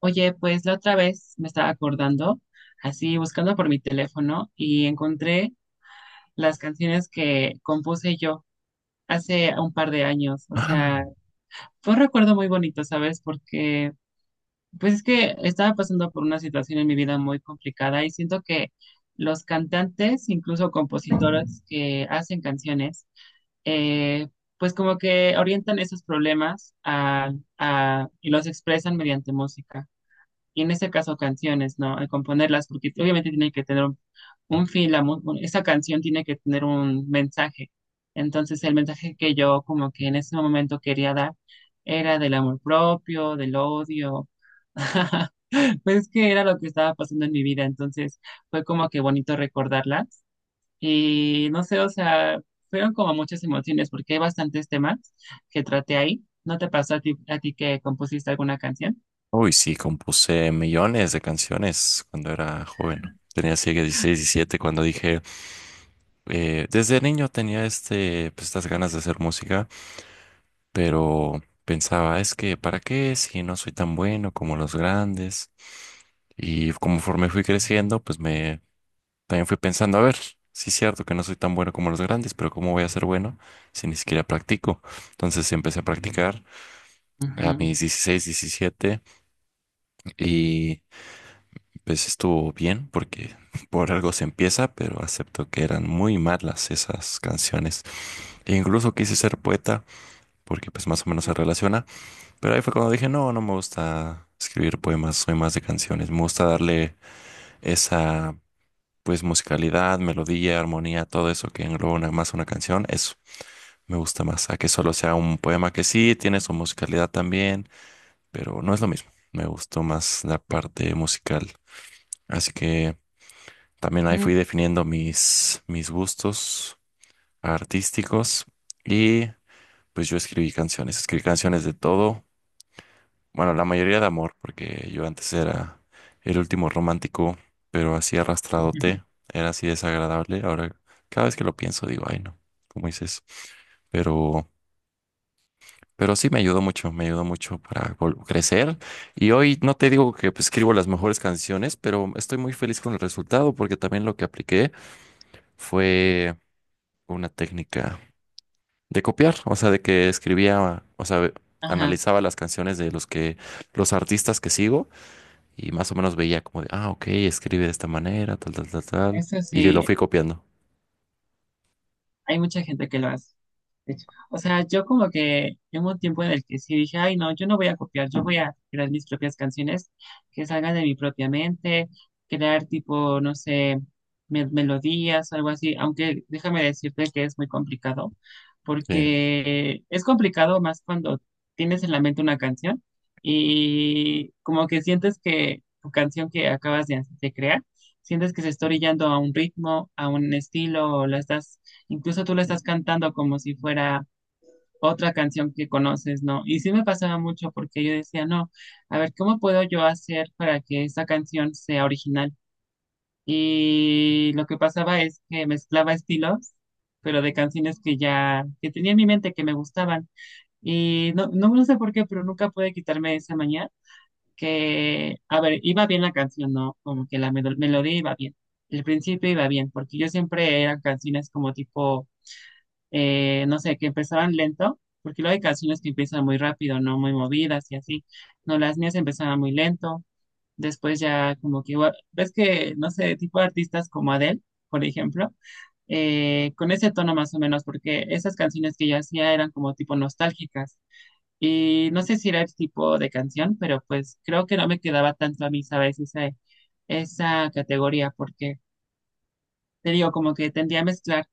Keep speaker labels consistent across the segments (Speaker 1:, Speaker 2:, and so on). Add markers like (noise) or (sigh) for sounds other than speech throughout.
Speaker 1: Oye, pues la otra vez me estaba acordando, así buscando por mi teléfono y encontré las canciones que compuse yo hace un par de años. O
Speaker 2: Ah,
Speaker 1: sea, fue un recuerdo muy bonito, ¿sabes? Porque pues es que estaba pasando por una situación en mi vida muy complicada y siento que los cantantes, incluso compositores que hacen canciones, eh, pues como que orientan esos problemas y los expresan mediante música y en este caso canciones, ¿no? Al componerlas, porque obviamente tiene que tener un fin, esa canción tiene que tener un mensaje. Entonces el mensaje que yo como que en ese momento quería dar era del amor propio, del odio. (laughs) Pues que era lo que estaba pasando en mi vida, entonces fue como que bonito recordarlas y no sé, o sea, fueron como muchas emociones porque hay bastantes temas que traté ahí. ¿No te pasó a ti que compusiste alguna canción?
Speaker 2: uy, sí, compuse millones de canciones cuando era joven. Tenía así que 16, 17 cuando dije, desde niño tenía este, pues, estas ganas de hacer música, pero pensaba, es que, ¿para qué si no soy tan bueno como los grandes? Y conforme fui creciendo, pues me también fui pensando, a ver, sí es cierto que no soy tan bueno como los grandes, pero ¿cómo voy a ser bueno si ni siquiera practico? Entonces empecé a practicar a
Speaker 1: Ujú,
Speaker 2: mis 16 17 y... Pues estuvo bien porque (laughs) por algo se empieza, pero acepto que eran muy malas esas canciones. E incluso quise ser poeta porque pues más o menos se
Speaker 1: ujú,
Speaker 2: relaciona, pero ahí fue cuando dije, no, no me gusta escribir poemas, soy más de canciones, me gusta darle esa pues musicalidad, melodía, armonía, todo eso que engloba una, más una canción, eso me gusta más, a que solo sea un poema que sí tiene su musicalidad también, pero no es lo mismo, me gustó más la parte musical. Así que... También ahí
Speaker 1: ujú.
Speaker 2: fui definiendo mis gustos artísticos y pues yo escribí canciones de todo, bueno, la mayoría de amor, porque yo antes era el último romántico, pero así
Speaker 1: Ujú.
Speaker 2: arrastradote, era así desagradable. Ahora cada vez que lo pienso digo, ay no, ¿cómo hice eso? Pero, pero sí me ayudó mucho para crecer. Y hoy no te digo que pues, escribo las mejores canciones, pero estoy muy feliz con el resultado porque también lo que apliqué fue una técnica de copiar, o sea, de que escribía, o sea,
Speaker 1: Ajá,
Speaker 2: analizaba las canciones de los que, los artistas que sigo y más o menos veía como de, ah, ok, escribe de esta manera, tal, tal, tal, tal,
Speaker 1: eso
Speaker 2: y lo
Speaker 1: sí.
Speaker 2: fui copiando.
Speaker 1: Hay mucha gente que lo hace, de hecho. O sea, yo como que en un tiempo en el que sí dije, ay, no, yo no voy a copiar, yo voy a crear mis propias canciones que salgan de mi propia mente, crear tipo, no sé, melodías, algo así, aunque déjame decirte que es muy complicado,
Speaker 2: Sí,
Speaker 1: porque es complicado más cuando tienes en la mente una canción y como que sientes que tu canción que acabas de crear, sientes que se está orillando a un ritmo, a un estilo, o la estás. Incluso tú lo estás cantando como si fuera otra canción que conoces, ¿no? Y sí me pasaba mucho porque yo decía, no, a ver, ¿cómo puedo yo hacer para que esta canción sea original? Y lo que pasaba es que mezclaba estilos, pero de canciones que ya, que tenía en mi mente que me gustaban. Y no sé por qué, pero nunca pude quitarme esa mañana que, a ver, iba bien la canción, ¿no? Como que la melodía iba bien. El principio iba bien, porque yo siempre eran canciones como tipo no sé, que empezaban lento, porque luego hay canciones que empiezan muy rápido, no muy movidas y así. No, las mías empezaban muy lento, después ya como que, igual- ves que, no sé, tipo de artistas como Adele, por ejemplo, con ese tono más o menos, porque esas canciones que yo hacía eran como tipo nostálgicas. Y no sé si era el tipo de canción, pero pues creo que no me quedaba tanto a mí, ¿sabes? Esa categoría, porque te digo, como que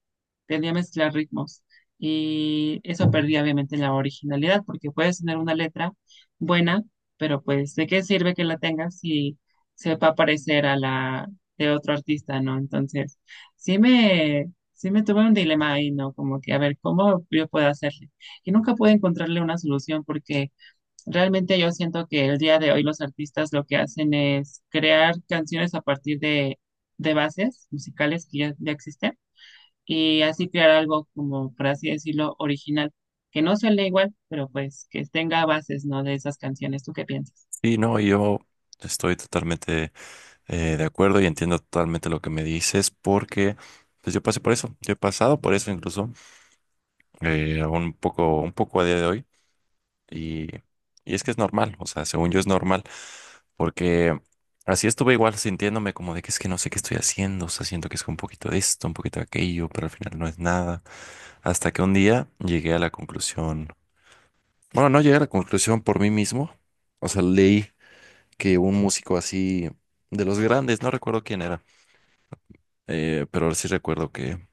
Speaker 1: tendía a mezclar ritmos. Y eso perdía obviamente la originalidad, porque puedes tener una letra buena, pero pues, ¿de qué sirve que la tengas si se va a parecer a la de otro artista, ¿no? Entonces, sí me tuve un dilema ahí, ¿no? Como que, a ver, ¿cómo yo puedo hacerle? Y nunca pude encontrarle una solución porque realmente yo siento que el día de hoy los artistas lo que hacen es crear canciones a partir de bases musicales que ya existen y así crear algo como, por así decirlo, original, que no suene igual, pero pues que tenga bases, ¿no? De esas canciones. ¿Tú qué piensas?
Speaker 2: sí, no, yo estoy totalmente de acuerdo y entiendo totalmente lo que me dices porque, pues yo pasé por eso, yo he pasado por eso incluso, un poco a día de hoy. Y, y es que es normal, o sea, según yo es normal, porque así estuve igual sintiéndome como de que es que no sé qué estoy haciendo, o sea, siento que es un poquito de esto, un poquito de aquello, pero al final no es nada. Hasta que un día llegué a la conclusión, bueno, no llegué a la conclusión por mí mismo, o sea, leí que un músico así de los grandes, no recuerdo quién era, pero sí recuerdo que,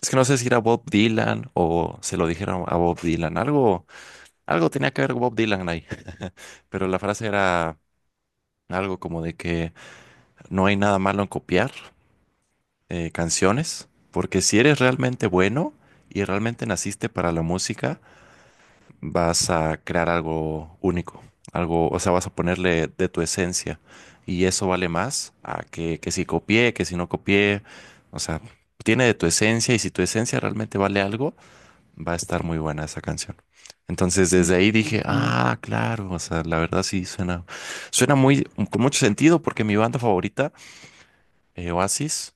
Speaker 2: es que no sé si era Bob Dylan o se lo dijeron a Bob Dylan, algo, algo tenía que ver Bob Dylan ahí, pero la frase era... Algo como de que no hay nada malo en copiar canciones, porque si eres realmente bueno y realmente naciste para la música, vas a crear algo único, algo, o sea, vas a ponerle de tu esencia y eso vale más a que si copié, que si no copié, o sea, tiene de tu esencia y si tu esencia realmente vale algo, va a estar muy buena esa canción. Entonces desde ahí dije,
Speaker 1: Ajá.
Speaker 2: ah, claro, o sea, la verdad sí suena, suena muy, con mucho sentido porque mi banda favorita Oasis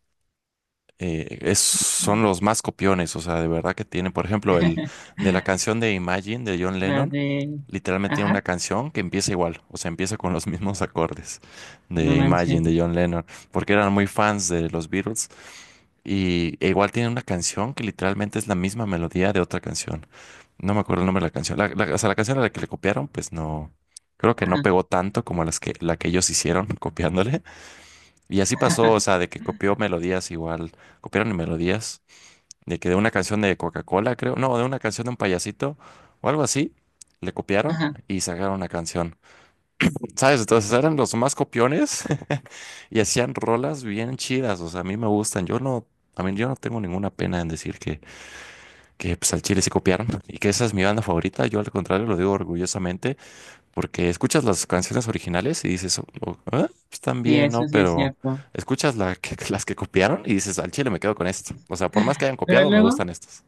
Speaker 2: son los más copiones, o sea, de verdad que tienen, por ejemplo, el de la
Speaker 1: (laughs)
Speaker 2: canción de Imagine de John
Speaker 1: La
Speaker 2: Lennon,
Speaker 1: de...
Speaker 2: literalmente tiene
Speaker 1: Ajá,
Speaker 2: una canción que empieza igual, o sea, empieza con los (laughs) mismos acordes
Speaker 1: no
Speaker 2: de Imagine
Speaker 1: manches.
Speaker 2: de John Lennon, porque eran muy fans de los Beatles y e igual tiene una canción que literalmente es la misma melodía de otra canción. No me acuerdo el nombre de la canción, o sea, la canción a la que le copiaron, pues no. Creo que no
Speaker 1: Ajá.
Speaker 2: pegó tanto como las que, la que ellos hicieron (laughs) copiándole, y así pasó, o
Speaker 1: (laughs)
Speaker 2: sea, de que copió melodías igual, copiaron melodías, de que de una canción de Coca-Cola, creo, no, de una canción de un payasito o algo así, le copiaron
Speaker 1: Ajá,
Speaker 2: y sacaron una canción. ¿Sabes? Entonces eran los más copiones (laughs) y hacían rolas bien chidas, o sea, a mí me gustan. Yo no, a mí yo no tengo ninguna pena en decir que pues, al Chile se copiaron y que esa es mi banda favorita. Yo al contrario lo digo orgullosamente porque escuchas las canciones originales y dices, "Oh, oh, ah, están
Speaker 1: sí,
Speaker 2: bien, ¿no?
Speaker 1: eso sí es
Speaker 2: Pero
Speaker 1: cierto.
Speaker 2: escuchas (laughs) las que copiaron y dices, al chile me quedo con esto. O sea, por más que hayan
Speaker 1: Pero
Speaker 2: copiado, me
Speaker 1: luego,
Speaker 2: gustan estas.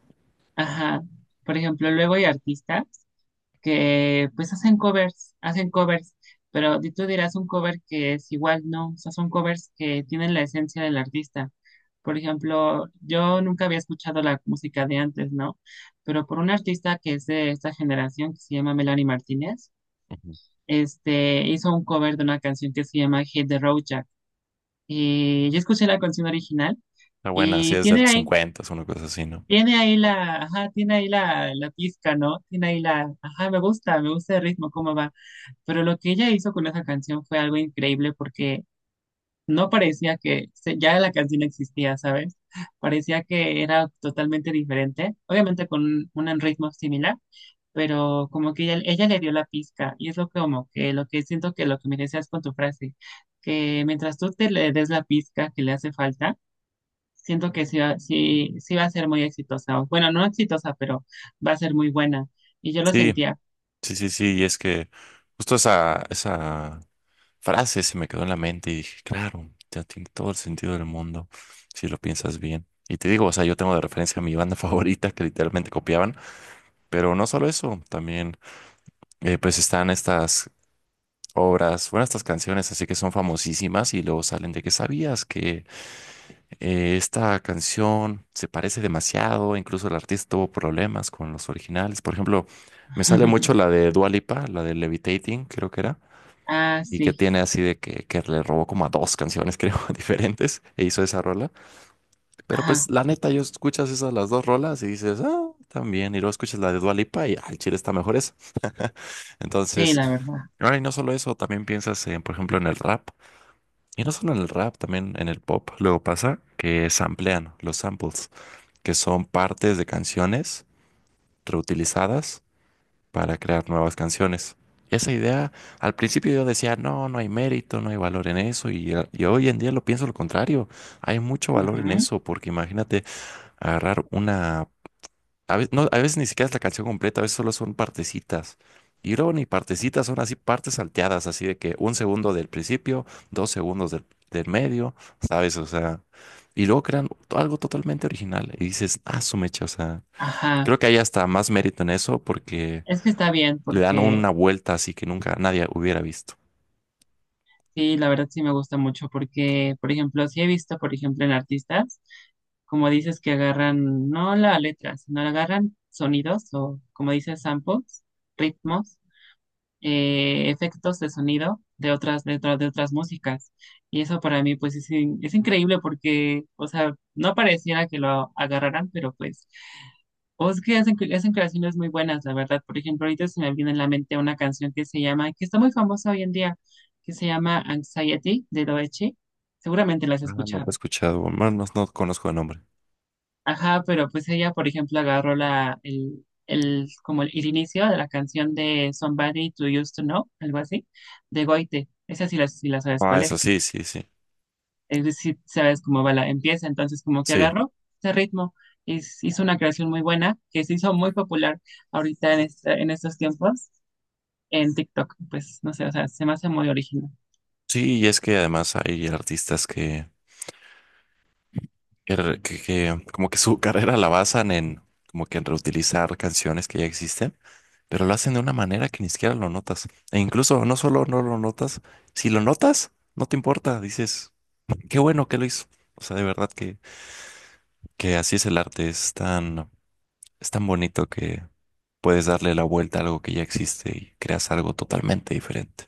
Speaker 1: ajá, por ejemplo, luego hay artistas que pues hacen covers, pero tú dirás un cover que es igual, no, o sea, son covers que tienen la esencia del artista. Por ejemplo, yo nunca había escuchado la música de antes, ¿no? Pero por una artista que es de esta generación, que se llama Melanie Martínez,
Speaker 2: Ujú.
Speaker 1: este, hizo un cover de una canción que se llama Hit the Road Jack. Y yo escuché la canción original
Speaker 2: Está buena, sí
Speaker 1: y
Speaker 2: es de los 50, una cosa así, ¿no?
Speaker 1: tiene ahí la, ajá, tiene ahí la, la pizca, ¿no? Tiene ahí la, ajá, me gusta el ritmo, cómo va. Pero lo que ella hizo con esa canción fue algo increíble porque no parecía que ya la canción existía, ¿sabes? (laughs) Parecía que era totalmente diferente, obviamente con un ritmo similar, pero como que ella le dio la pizca y es lo que como que lo que siento que lo que me decías con tu frase, que mientras tú te le des la pizca que le hace falta, siento que sí, sí, sí va a ser muy exitosa, o bueno, no exitosa, pero va a ser muy buena. Y yo lo
Speaker 2: Sí,
Speaker 1: sentía.
Speaker 2: sí, sí, sí. Y es que justo esa frase se me quedó en la mente y dije, claro, ya tiene todo el sentido del mundo si lo piensas bien. Y te digo, o sea, yo tengo de referencia a mi banda (laughs) favorita que literalmente copiaban, pero no solo eso, también pues están estas obras. Bueno, estas canciones así que son famosísimas y luego salen de que sabías que esta canción se parece demasiado, incluso el artista tuvo problemas con los originales. Por ejemplo, me sale mucho
Speaker 1: (laughs)
Speaker 2: la de Dua Lipa, la de Levitating, creo que era.
Speaker 1: Ah,
Speaker 2: Y que
Speaker 1: sí,
Speaker 2: tiene así de que le robó como a dos canciones, (laughs) creo, diferentes, e hizo esa rola. Pero pues
Speaker 1: ajá,
Speaker 2: la neta, yo escuchas esas las dos rolas y dices, ah, también. Y luego escuchas la de Dua Lipa y al chile está mejor esa.
Speaker 1: sí,
Speaker 2: Entonces,
Speaker 1: la verdad.
Speaker 2: ahora y no solo eso, también piensas en, por ejemplo, en el rap. Y no solo en el rap, también en el pop. Luego pasa que samplean los samples, que son partes de canciones reutilizadas para crear nuevas canciones. Y esa idea, al principio yo decía, no, no hay mérito, no hay valor en eso. Y y hoy en día lo pienso lo contrario. Hay mucho valor en
Speaker 1: Ujú.
Speaker 2: eso, porque imagínate agarrar una a veces, no, a veces ni siquiera es la canción completa, a veces solo son partecitas. Y luego ni partecitas, son así partes salteadas, así de que un segundo del principio, dos segundos del medio, ¿sabes? O sea, y luego crean algo totalmente original. Y dices, ah, su mecha, o sea,
Speaker 1: Ajá,
Speaker 2: creo que hay hasta más mérito en eso porque
Speaker 1: es que está bien
Speaker 2: le dan
Speaker 1: porque
Speaker 2: una vuelta así que nunca nadie hubiera visto.
Speaker 1: sí, la verdad sí me gusta mucho porque, por ejemplo, sí he visto, por ejemplo, en artistas, como dices, que agarran no la letra, sino agarran sonidos o, como dices, samples, ritmos, efectos de sonido de otras, de otras músicas. Y eso para mí, pues, es increíble porque, o sea, no pareciera que lo agarraran, pero pues o es que hacen, hacen creaciones muy buenas, la verdad. Por ejemplo, ahorita se me viene en la mente una canción que se llama, que está muy famosa hoy en día, que se llama Anxiety de Doechi. Seguramente la has
Speaker 2: Ah, no lo he
Speaker 1: escuchado.
Speaker 2: escuchado, bueno, no, no conozco el nombre.
Speaker 1: Ajá, pero pues ella, por ejemplo, agarró la, el, como el inicio de la canción de Somebody to Used to Know, algo así, de Goite. Esa sí la, sí la sabes
Speaker 2: Ah,
Speaker 1: cuál
Speaker 2: eso
Speaker 1: es.
Speaker 2: sí, sí, sí,
Speaker 1: Es decir, sabes cómo va la, empieza. Entonces, como que
Speaker 2: sí.
Speaker 1: agarró ese ritmo y hizo una creación muy buena que se hizo muy popular ahorita en estos tiempos en TikTok. Pues no sé, o sea, se me hace muy original.
Speaker 2: Sí, y es que además hay artistas que que como que su carrera la basan en como que en reutilizar canciones que ya existen, pero lo hacen de una manera que ni siquiera lo notas. E incluso no solo no lo notas, si lo notas, no te importa, dices, qué bueno que lo hizo. O sea, de verdad que así es el arte, es tan bonito que puedes darle la vuelta a algo que ya existe y creas algo totalmente diferente.